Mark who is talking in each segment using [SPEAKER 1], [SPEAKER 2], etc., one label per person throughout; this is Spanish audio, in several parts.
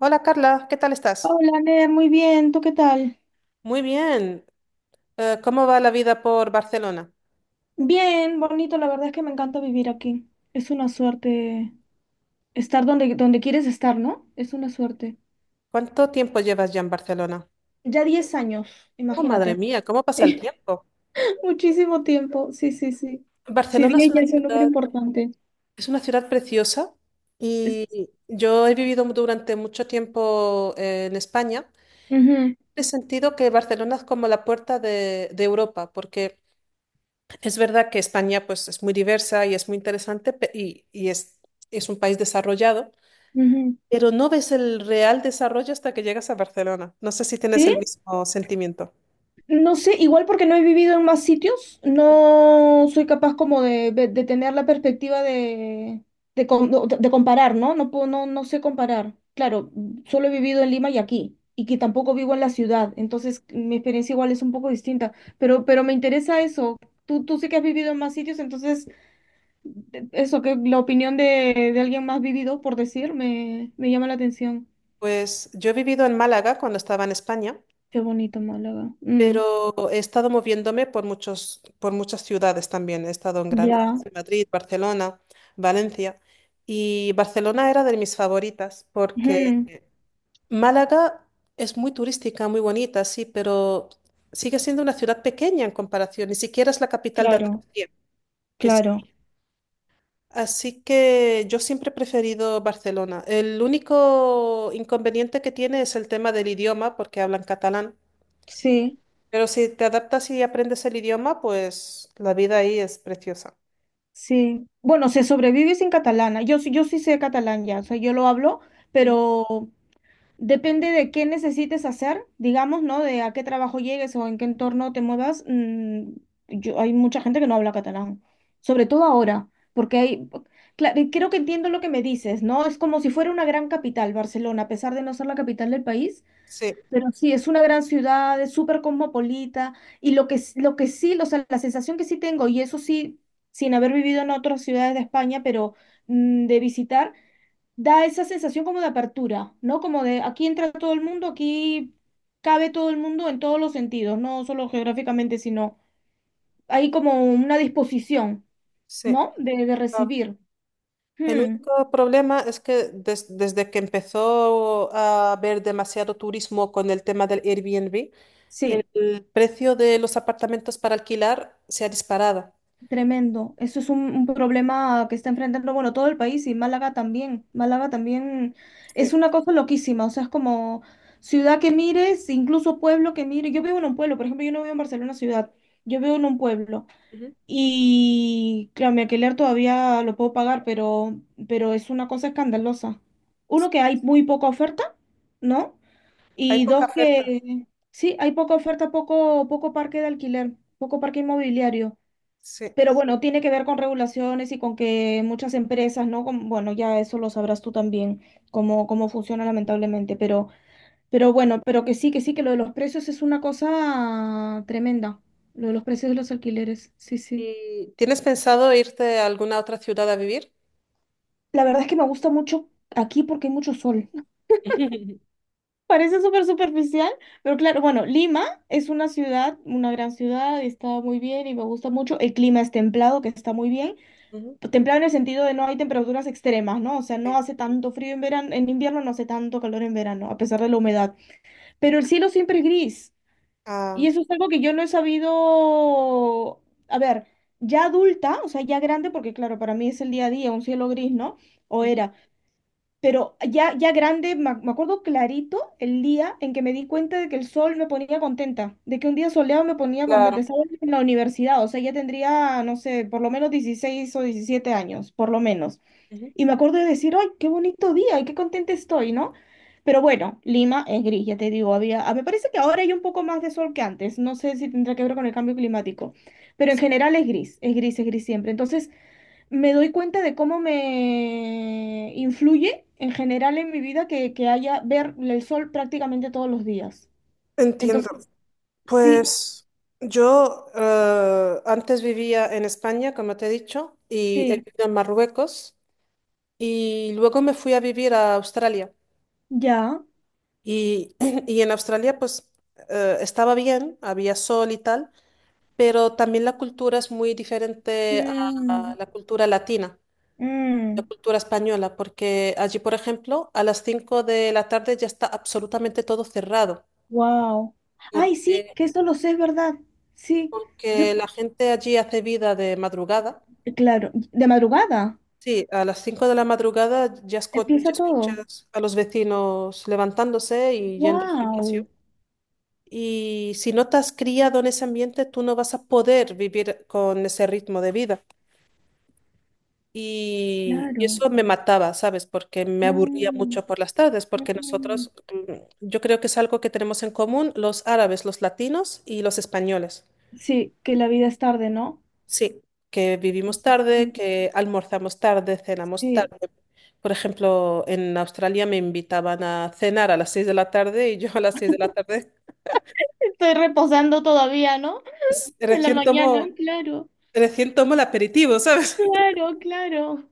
[SPEAKER 1] Hola Carla, ¿qué tal estás?
[SPEAKER 2] Hola, Ner, muy bien. ¿Tú qué tal?
[SPEAKER 1] Muy bien. ¿Cómo va la vida por Barcelona?
[SPEAKER 2] Bien, bonito. La verdad es que me encanta vivir aquí. Es una suerte estar donde quieres estar, ¿no? Es una suerte.
[SPEAKER 1] ¿Cuánto tiempo llevas ya en Barcelona?
[SPEAKER 2] Ya 10 años,
[SPEAKER 1] Oh, madre
[SPEAKER 2] imagínate.
[SPEAKER 1] mía, ¿cómo pasa el tiempo?
[SPEAKER 2] Muchísimo tiempo. Sí, sí, sí. Sí,
[SPEAKER 1] Barcelona
[SPEAKER 2] 10 ya es un número importante.
[SPEAKER 1] es una ciudad preciosa
[SPEAKER 2] Es-
[SPEAKER 1] y yo he vivido durante mucho tiempo en España.
[SPEAKER 2] Ujú,
[SPEAKER 1] He sentido que Barcelona es como la puerta de Europa, porque es verdad que España pues, es muy diversa y es muy interesante es un país desarrollado.
[SPEAKER 2] ujú.
[SPEAKER 1] Pero no ves el real desarrollo hasta que llegas a Barcelona. No sé si tienes el
[SPEAKER 2] ¿Sí?
[SPEAKER 1] mismo sentimiento.
[SPEAKER 2] No sé, igual porque no he vivido en más sitios, no soy capaz como de tener la perspectiva de comparar, ¿no? No puedo, no, no sé comparar. Claro, solo he vivido en Lima y aquí, y que tampoco vivo en la ciudad, entonces mi experiencia igual es un poco distinta, pero me interesa eso. Tú sí que has vivido en más sitios, entonces eso que la opinión de alguien más vivido, por decir, me llama la atención.
[SPEAKER 1] Pues yo he vivido en Málaga cuando estaba en España,
[SPEAKER 2] Qué bonito Málaga. Mm,
[SPEAKER 1] pero he estado moviéndome por muchas ciudades también. He estado en Granada,
[SPEAKER 2] ya.
[SPEAKER 1] en Madrid, Barcelona, Valencia. Y Barcelona era de mis favoritas porque
[SPEAKER 2] Ujú,
[SPEAKER 1] Málaga es muy turística, muy bonita, sí, pero sigue siendo una ciudad pequeña en comparación. Ni siquiera es la capital de
[SPEAKER 2] claro,
[SPEAKER 1] Andalucía, que es
[SPEAKER 2] claro.
[SPEAKER 1] Así que yo siempre he preferido Barcelona. El único inconveniente que tiene es el tema del idioma, porque hablan catalán.
[SPEAKER 2] Sí,
[SPEAKER 1] Pero si te adaptas y aprendes el idioma, pues la vida ahí es preciosa.
[SPEAKER 2] sí. Bueno, se sobrevive sin catalana. Yo, yo sí sé catalán ya, o sea, yo lo hablo,
[SPEAKER 1] Ujú.
[SPEAKER 2] pero depende de qué necesites hacer, digamos, ¿no? De a qué trabajo llegues o en qué entorno te muevas. Yo, hay mucha gente que no habla catalán, sobre todo ahora, porque hay, claro, creo que entiendo lo que me dices, ¿no? Es como si fuera una gran capital, Barcelona, a pesar de no ser la capital del país.
[SPEAKER 1] Sí,
[SPEAKER 2] Pero sí, es una gran ciudad, es súper cosmopolita y lo que, lo que sí, o sea, la sensación que sí tengo, y eso sí, sin haber vivido en otras ciudades de España, pero de visitar, da esa sensación como de apertura, ¿no? Como de aquí entra todo el mundo, aquí cabe todo el mundo en todos los sentidos, no solo geográficamente, sino hay como una disposición,
[SPEAKER 1] sí.
[SPEAKER 2] ¿no? De
[SPEAKER 1] Ah,
[SPEAKER 2] recibir.
[SPEAKER 1] el
[SPEAKER 2] Hmm,
[SPEAKER 1] único problema es que desde que empezó a haber demasiado turismo con el tema del Airbnb,
[SPEAKER 2] sí.
[SPEAKER 1] el precio de los apartamentos para alquilar se ha disparado.
[SPEAKER 2] Tremendo. Eso es un problema que está enfrentando, bueno, todo el país y Málaga también. Málaga también
[SPEAKER 1] Sí.
[SPEAKER 2] es una cosa loquísima, o sea, es como ciudad que mires, incluso pueblo que mires. Yo vivo en un pueblo, por ejemplo, yo no vivo en Barcelona ciudad, yo vivo en un pueblo.
[SPEAKER 1] Ujú.
[SPEAKER 2] Y claro, mi alquiler todavía lo puedo pagar, pero es una cosa escandalosa. Uno, que hay muy poca oferta, ¿no?
[SPEAKER 1] Hay
[SPEAKER 2] Y
[SPEAKER 1] poca
[SPEAKER 2] dos,
[SPEAKER 1] oferta.
[SPEAKER 2] que sí, hay poca oferta, poco parque de alquiler, poco parque inmobiliario.
[SPEAKER 1] Sí.
[SPEAKER 2] Pero bueno, tiene que ver con regulaciones y con que muchas empresas, ¿no? Bueno, ya eso lo sabrás tú también, cómo funciona lamentablemente, pero bueno, pero que sí, que sí, que lo de los precios es una cosa tremenda, lo de los precios de los alquileres, sí, sí.
[SPEAKER 1] ¿Y tienes pensado irte a alguna otra ciudad a vivir?
[SPEAKER 2] La verdad es que me gusta mucho aquí porque hay mucho sol. Parece súper superficial, pero claro, bueno, Lima es una ciudad, una gran ciudad, y está muy bien y me gusta mucho. El clima es templado, que está muy bien.
[SPEAKER 1] Ujú.
[SPEAKER 2] Templado en el sentido de no hay temperaturas extremas, ¿no? O sea, no hace tanto frío en verano, en invierno no hace tanto calor en verano, a pesar de la humedad. Pero el cielo siempre es gris. Y
[SPEAKER 1] Ah,
[SPEAKER 2] eso es algo que yo no he sabido, a ver, ya adulta, o sea, ya grande, porque claro, para mí es el día a día, un cielo gris, ¿no? O
[SPEAKER 1] ujú,
[SPEAKER 2] era. Pero ya, ya grande, me acuerdo clarito el día en que me di cuenta de que el sol me ponía contenta, de que un día soleado me ponía contenta,
[SPEAKER 1] claro.
[SPEAKER 2] ¿sabes? En la universidad, o sea, ya tendría, no sé, por lo menos 16 o 17 años, por lo menos.
[SPEAKER 1] Ujú.
[SPEAKER 2] Y me acuerdo de decir, ¡ay, qué bonito día! ¡Y qué contenta estoy! ¿No? Pero bueno, Lima es gris, ya te digo, había, ah, me parece que ahora hay un poco más de sol que antes, no sé si tendrá que ver con el cambio climático, pero en general es gris, es gris, es gris siempre. Entonces me doy cuenta de cómo me influye en general en mi vida que haya ver el sol prácticamente todos los días.
[SPEAKER 1] Entiendo.
[SPEAKER 2] Entonces, sí,
[SPEAKER 1] Pues yo antes vivía en España, como te he dicho, y he
[SPEAKER 2] sí,
[SPEAKER 1] vivido en Marruecos, y luego me fui a vivir a Australia.
[SPEAKER 2] ya.
[SPEAKER 1] Y, y en Australia pues estaba bien, había sol y tal, pero también la cultura es muy diferente a
[SPEAKER 2] Mm,
[SPEAKER 1] la cultura latina, la
[SPEAKER 2] mm,
[SPEAKER 1] cultura española, porque allí, por ejemplo, a las 5 de la tarde ya está absolutamente todo cerrado,
[SPEAKER 2] wow. Ay, sí,
[SPEAKER 1] porque,
[SPEAKER 2] que eso lo sé, es verdad. Sí. Yo,
[SPEAKER 1] porque la gente allí hace vida de madrugada.
[SPEAKER 2] claro, de madrugada
[SPEAKER 1] Sí, a las 5 de la madrugada ya
[SPEAKER 2] empieza todo.
[SPEAKER 1] escuchas a los vecinos levantándose y yendo al gimnasio.
[SPEAKER 2] ¡Wow!
[SPEAKER 1] Y si no te has criado en ese ambiente, tú no vas a poder vivir con ese ritmo de vida. Y
[SPEAKER 2] Claro.
[SPEAKER 1] eso me mataba, ¿sabes? Porque me aburría
[SPEAKER 2] Mm,
[SPEAKER 1] mucho por las tardes, porque
[SPEAKER 2] mm.
[SPEAKER 1] nosotros, yo creo que es algo que tenemos en común los árabes, los latinos y los españoles.
[SPEAKER 2] Sí, que la vida es tarde, ¿no?
[SPEAKER 1] Sí, que vivimos tarde,
[SPEAKER 2] Sí,
[SPEAKER 1] que almorzamos tarde, cenamos
[SPEAKER 2] sí.
[SPEAKER 1] tarde. Por ejemplo, en Australia me invitaban a cenar a las 6 de la tarde y yo a las 6 de la tarde
[SPEAKER 2] Estoy reposando todavía, ¿no?
[SPEAKER 1] pues,
[SPEAKER 2] En la mañana, claro,
[SPEAKER 1] recién tomo el aperitivo, ¿sabes?
[SPEAKER 2] claro, claro.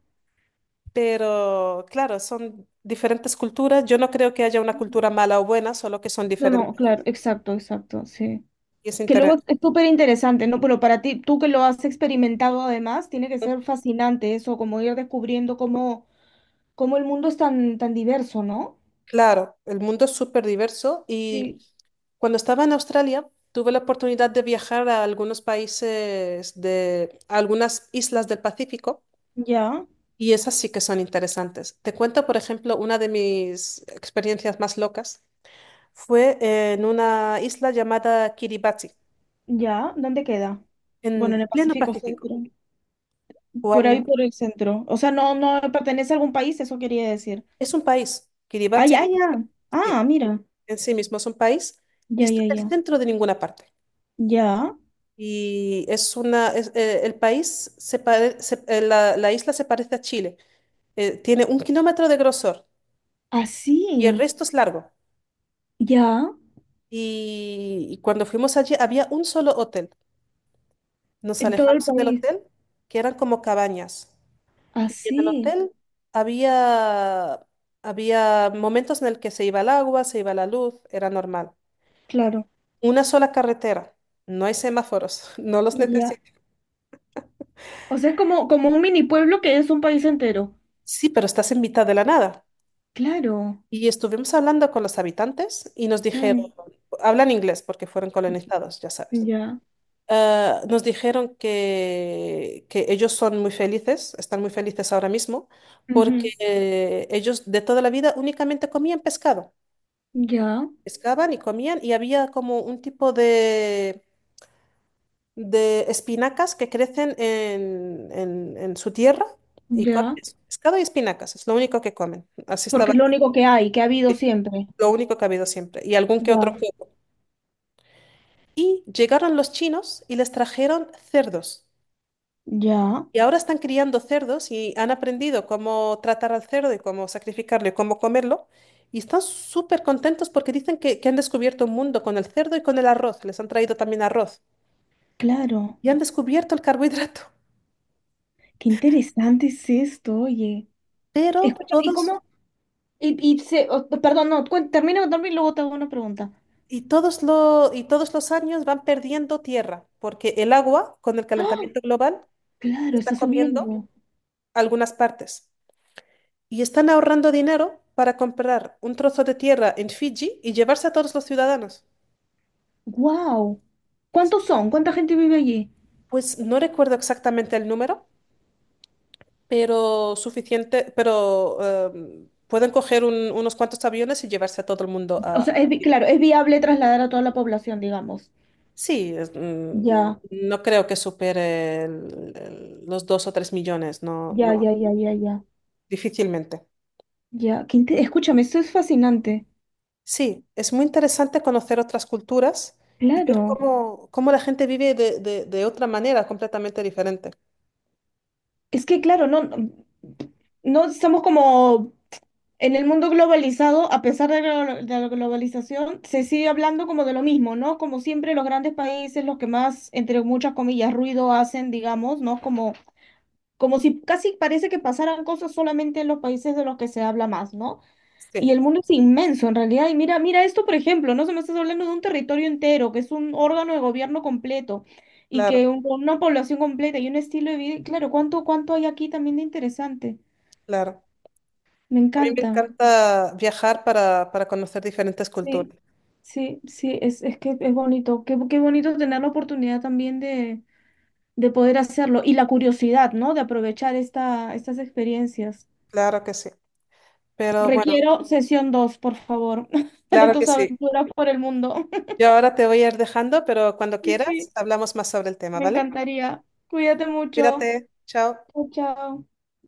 [SPEAKER 1] Pero claro, son diferentes culturas. Yo no creo que haya una cultura mala o buena, solo que son
[SPEAKER 2] No,
[SPEAKER 1] diferentes.
[SPEAKER 2] no, claro, exacto, exacto, sí.
[SPEAKER 1] Y es
[SPEAKER 2] Que
[SPEAKER 1] inter-
[SPEAKER 2] luego es súper interesante, ¿no? Pero para ti, tú que lo has experimentado además, tiene que ser fascinante eso, como ir descubriendo cómo, cómo el mundo es tan, tan diverso, ¿no?
[SPEAKER 1] Claro, el mundo es súper diverso y
[SPEAKER 2] Sí.
[SPEAKER 1] cuando estaba en Australia tuve la oportunidad de viajar a algunos países de a algunas islas del Pacífico
[SPEAKER 2] Ya.
[SPEAKER 1] y esas sí que son interesantes. Te cuento, por ejemplo, una de mis experiencias más locas fue en una isla llamada Kiribati,
[SPEAKER 2] Ya, ¿dónde queda? Bueno, en
[SPEAKER 1] en
[SPEAKER 2] el
[SPEAKER 1] pleno
[SPEAKER 2] Pacífico
[SPEAKER 1] Pacífico.
[SPEAKER 2] Centro, por
[SPEAKER 1] Cuando-
[SPEAKER 2] ahí por el centro. O sea, no, no pertenece a algún país, eso quería decir.
[SPEAKER 1] es un país,
[SPEAKER 2] Ah,
[SPEAKER 1] Kiribati,
[SPEAKER 2] ya, ya.
[SPEAKER 1] sí,
[SPEAKER 2] Ah, mira.
[SPEAKER 1] en sí mismo es un país y
[SPEAKER 2] Ya,
[SPEAKER 1] está
[SPEAKER 2] ya,
[SPEAKER 1] en el
[SPEAKER 2] ya.
[SPEAKER 1] centro de ninguna parte.
[SPEAKER 2] Ya.
[SPEAKER 1] Y es una, es, el país, La isla se parece a Chile. Tiene 1 kilómetro de grosor y el
[SPEAKER 2] Así.
[SPEAKER 1] resto es largo.
[SPEAKER 2] Ya.
[SPEAKER 1] Y cuando fuimos allí había un solo hotel. Nos
[SPEAKER 2] En todo el
[SPEAKER 1] alejamos del
[SPEAKER 2] país.
[SPEAKER 1] hotel, que eran como cabañas. Y en el
[SPEAKER 2] Así.
[SPEAKER 1] hotel había, había momentos en el que se iba el agua, se iba la luz, era normal.
[SPEAKER 2] Claro.
[SPEAKER 1] Una sola carretera, no hay semáforos, no los
[SPEAKER 2] Ya.
[SPEAKER 1] necesitas.
[SPEAKER 2] O sea, es como, como un mini pueblo que es un país entero.
[SPEAKER 1] Sí, pero estás en mitad de la nada.
[SPEAKER 2] Claro.
[SPEAKER 1] Y estuvimos hablando con los habitantes y nos dijeron,
[SPEAKER 2] Mm,
[SPEAKER 1] hablan inglés porque fueron colonizados, ya sabes.
[SPEAKER 2] ya.
[SPEAKER 1] Ah, nos dijeron que ellos son muy felices, están muy felices ahora mismo, porque
[SPEAKER 2] Ujú.
[SPEAKER 1] ellos de toda la vida únicamente comían pescado.
[SPEAKER 2] Ya.
[SPEAKER 1] Pescaban y comían y había como un tipo de espinacas que crecen en su tierra y comen
[SPEAKER 2] Ya.
[SPEAKER 1] eso, pescado y espinacas, es lo único que comen. Así
[SPEAKER 2] Porque es
[SPEAKER 1] estaba,
[SPEAKER 2] lo único que hay, que ha habido siempre.
[SPEAKER 1] lo único que ha habido siempre. Y algún que otro
[SPEAKER 2] Ya.
[SPEAKER 1] Y llegaron los chinos y les trajeron cerdos.
[SPEAKER 2] Ya.
[SPEAKER 1] Y ahora están criando cerdos y han aprendido cómo tratar al cerdo y cómo sacrificarlo y cómo comerlo. Y están súper contentos porque dicen que han descubierto un mundo con el cerdo y con el arroz. Les han traído también arroz.
[SPEAKER 2] Claro.
[SPEAKER 1] Y han descubierto el carbohidrato.
[SPEAKER 2] Qué interesante es esto, oye.
[SPEAKER 1] Pero
[SPEAKER 2] Escúchame, ¿y
[SPEAKER 1] todos,
[SPEAKER 2] cómo? Oh, perdón, no, termina de contarme y luego te hago una pregunta.
[SPEAKER 1] y todos, lo, y todos los años van perdiendo tierra porque el agua, con el
[SPEAKER 2] ¡Ah!
[SPEAKER 1] calentamiento global,
[SPEAKER 2] Claro,
[SPEAKER 1] está
[SPEAKER 2] está
[SPEAKER 1] comiendo
[SPEAKER 2] subiendo.
[SPEAKER 1] algunas partes. Y están ahorrando dinero para comprar un trozo de tierra en Fiji y llevarse a todos los ciudadanos.
[SPEAKER 2] ¡Wow! ¿Cuántos son? ¿Cuánta gente vive allí?
[SPEAKER 1] Pues no recuerdo exactamente el número, pero suficiente, pero pueden coger unos cuantos aviones y llevarse a todo el mundo a,
[SPEAKER 2] O sea, es,
[SPEAKER 1] a Fiji.
[SPEAKER 2] claro, es viable trasladar a toda la población, digamos.
[SPEAKER 1] Sí,
[SPEAKER 2] Ya,
[SPEAKER 1] no creo que supere los 2 o 3 millones, no,
[SPEAKER 2] ya,
[SPEAKER 1] no,
[SPEAKER 2] ya, ya, ya, ya.
[SPEAKER 1] difícilmente.
[SPEAKER 2] Ya, escúchame, esto es fascinante.
[SPEAKER 1] Sí, es muy interesante conocer otras culturas y ver
[SPEAKER 2] Claro.
[SPEAKER 1] cómo la gente vive de otra manera completamente diferente.
[SPEAKER 2] Es que, claro, no estamos como en el mundo globalizado, a pesar de de la globalización, se sigue hablando como de lo mismo, ¿no? Como siempre, los grandes países, los que más, entre muchas comillas, ruido hacen, digamos, ¿no? Como, como si casi parece que pasaran cosas solamente en los países de los que se habla más, ¿no?
[SPEAKER 1] Sí.
[SPEAKER 2] Y el mundo es inmenso, en realidad. Y mira, mira esto, por ejemplo, ¿no? Se me estás hablando de un territorio entero, que es un órgano de gobierno completo y
[SPEAKER 1] Claro,
[SPEAKER 2] que una población completa y un estilo de vida. Y claro, ¿cuánto, cuánto hay aquí también de interesante?
[SPEAKER 1] claro.
[SPEAKER 2] Me
[SPEAKER 1] A mí me
[SPEAKER 2] encanta.
[SPEAKER 1] encanta viajar para conocer diferentes
[SPEAKER 2] Sí,
[SPEAKER 1] culturas.
[SPEAKER 2] sí, sí, es que es bonito. Qué, qué bonito tener la oportunidad también de poder hacerlo y la curiosidad, ¿no? De aprovechar esta, estas experiencias.
[SPEAKER 1] Claro que sí. Pero bueno,
[SPEAKER 2] Requiero sesión 2, por favor, de
[SPEAKER 1] claro que
[SPEAKER 2] tus
[SPEAKER 1] sí.
[SPEAKER 2] aventuras por el mundo.
[SPEAKER 1] Yo ahora te voy a ir dejando, pero cuando
[SPEAKER 2] Sí,
[SPEAKER 1] quieras
[SPEAKER 2] sí,
[SPEAKER 1] hablamos más sobre el tema,
[SPEAKER 2] me
[SPEAKER 1] ¿vale?
[SPEAKER 2] encantaría. Cuídate mucho.
[SPEAKER 1] Cuídate. Chao.
[SPEAKER 2] Chao, chao.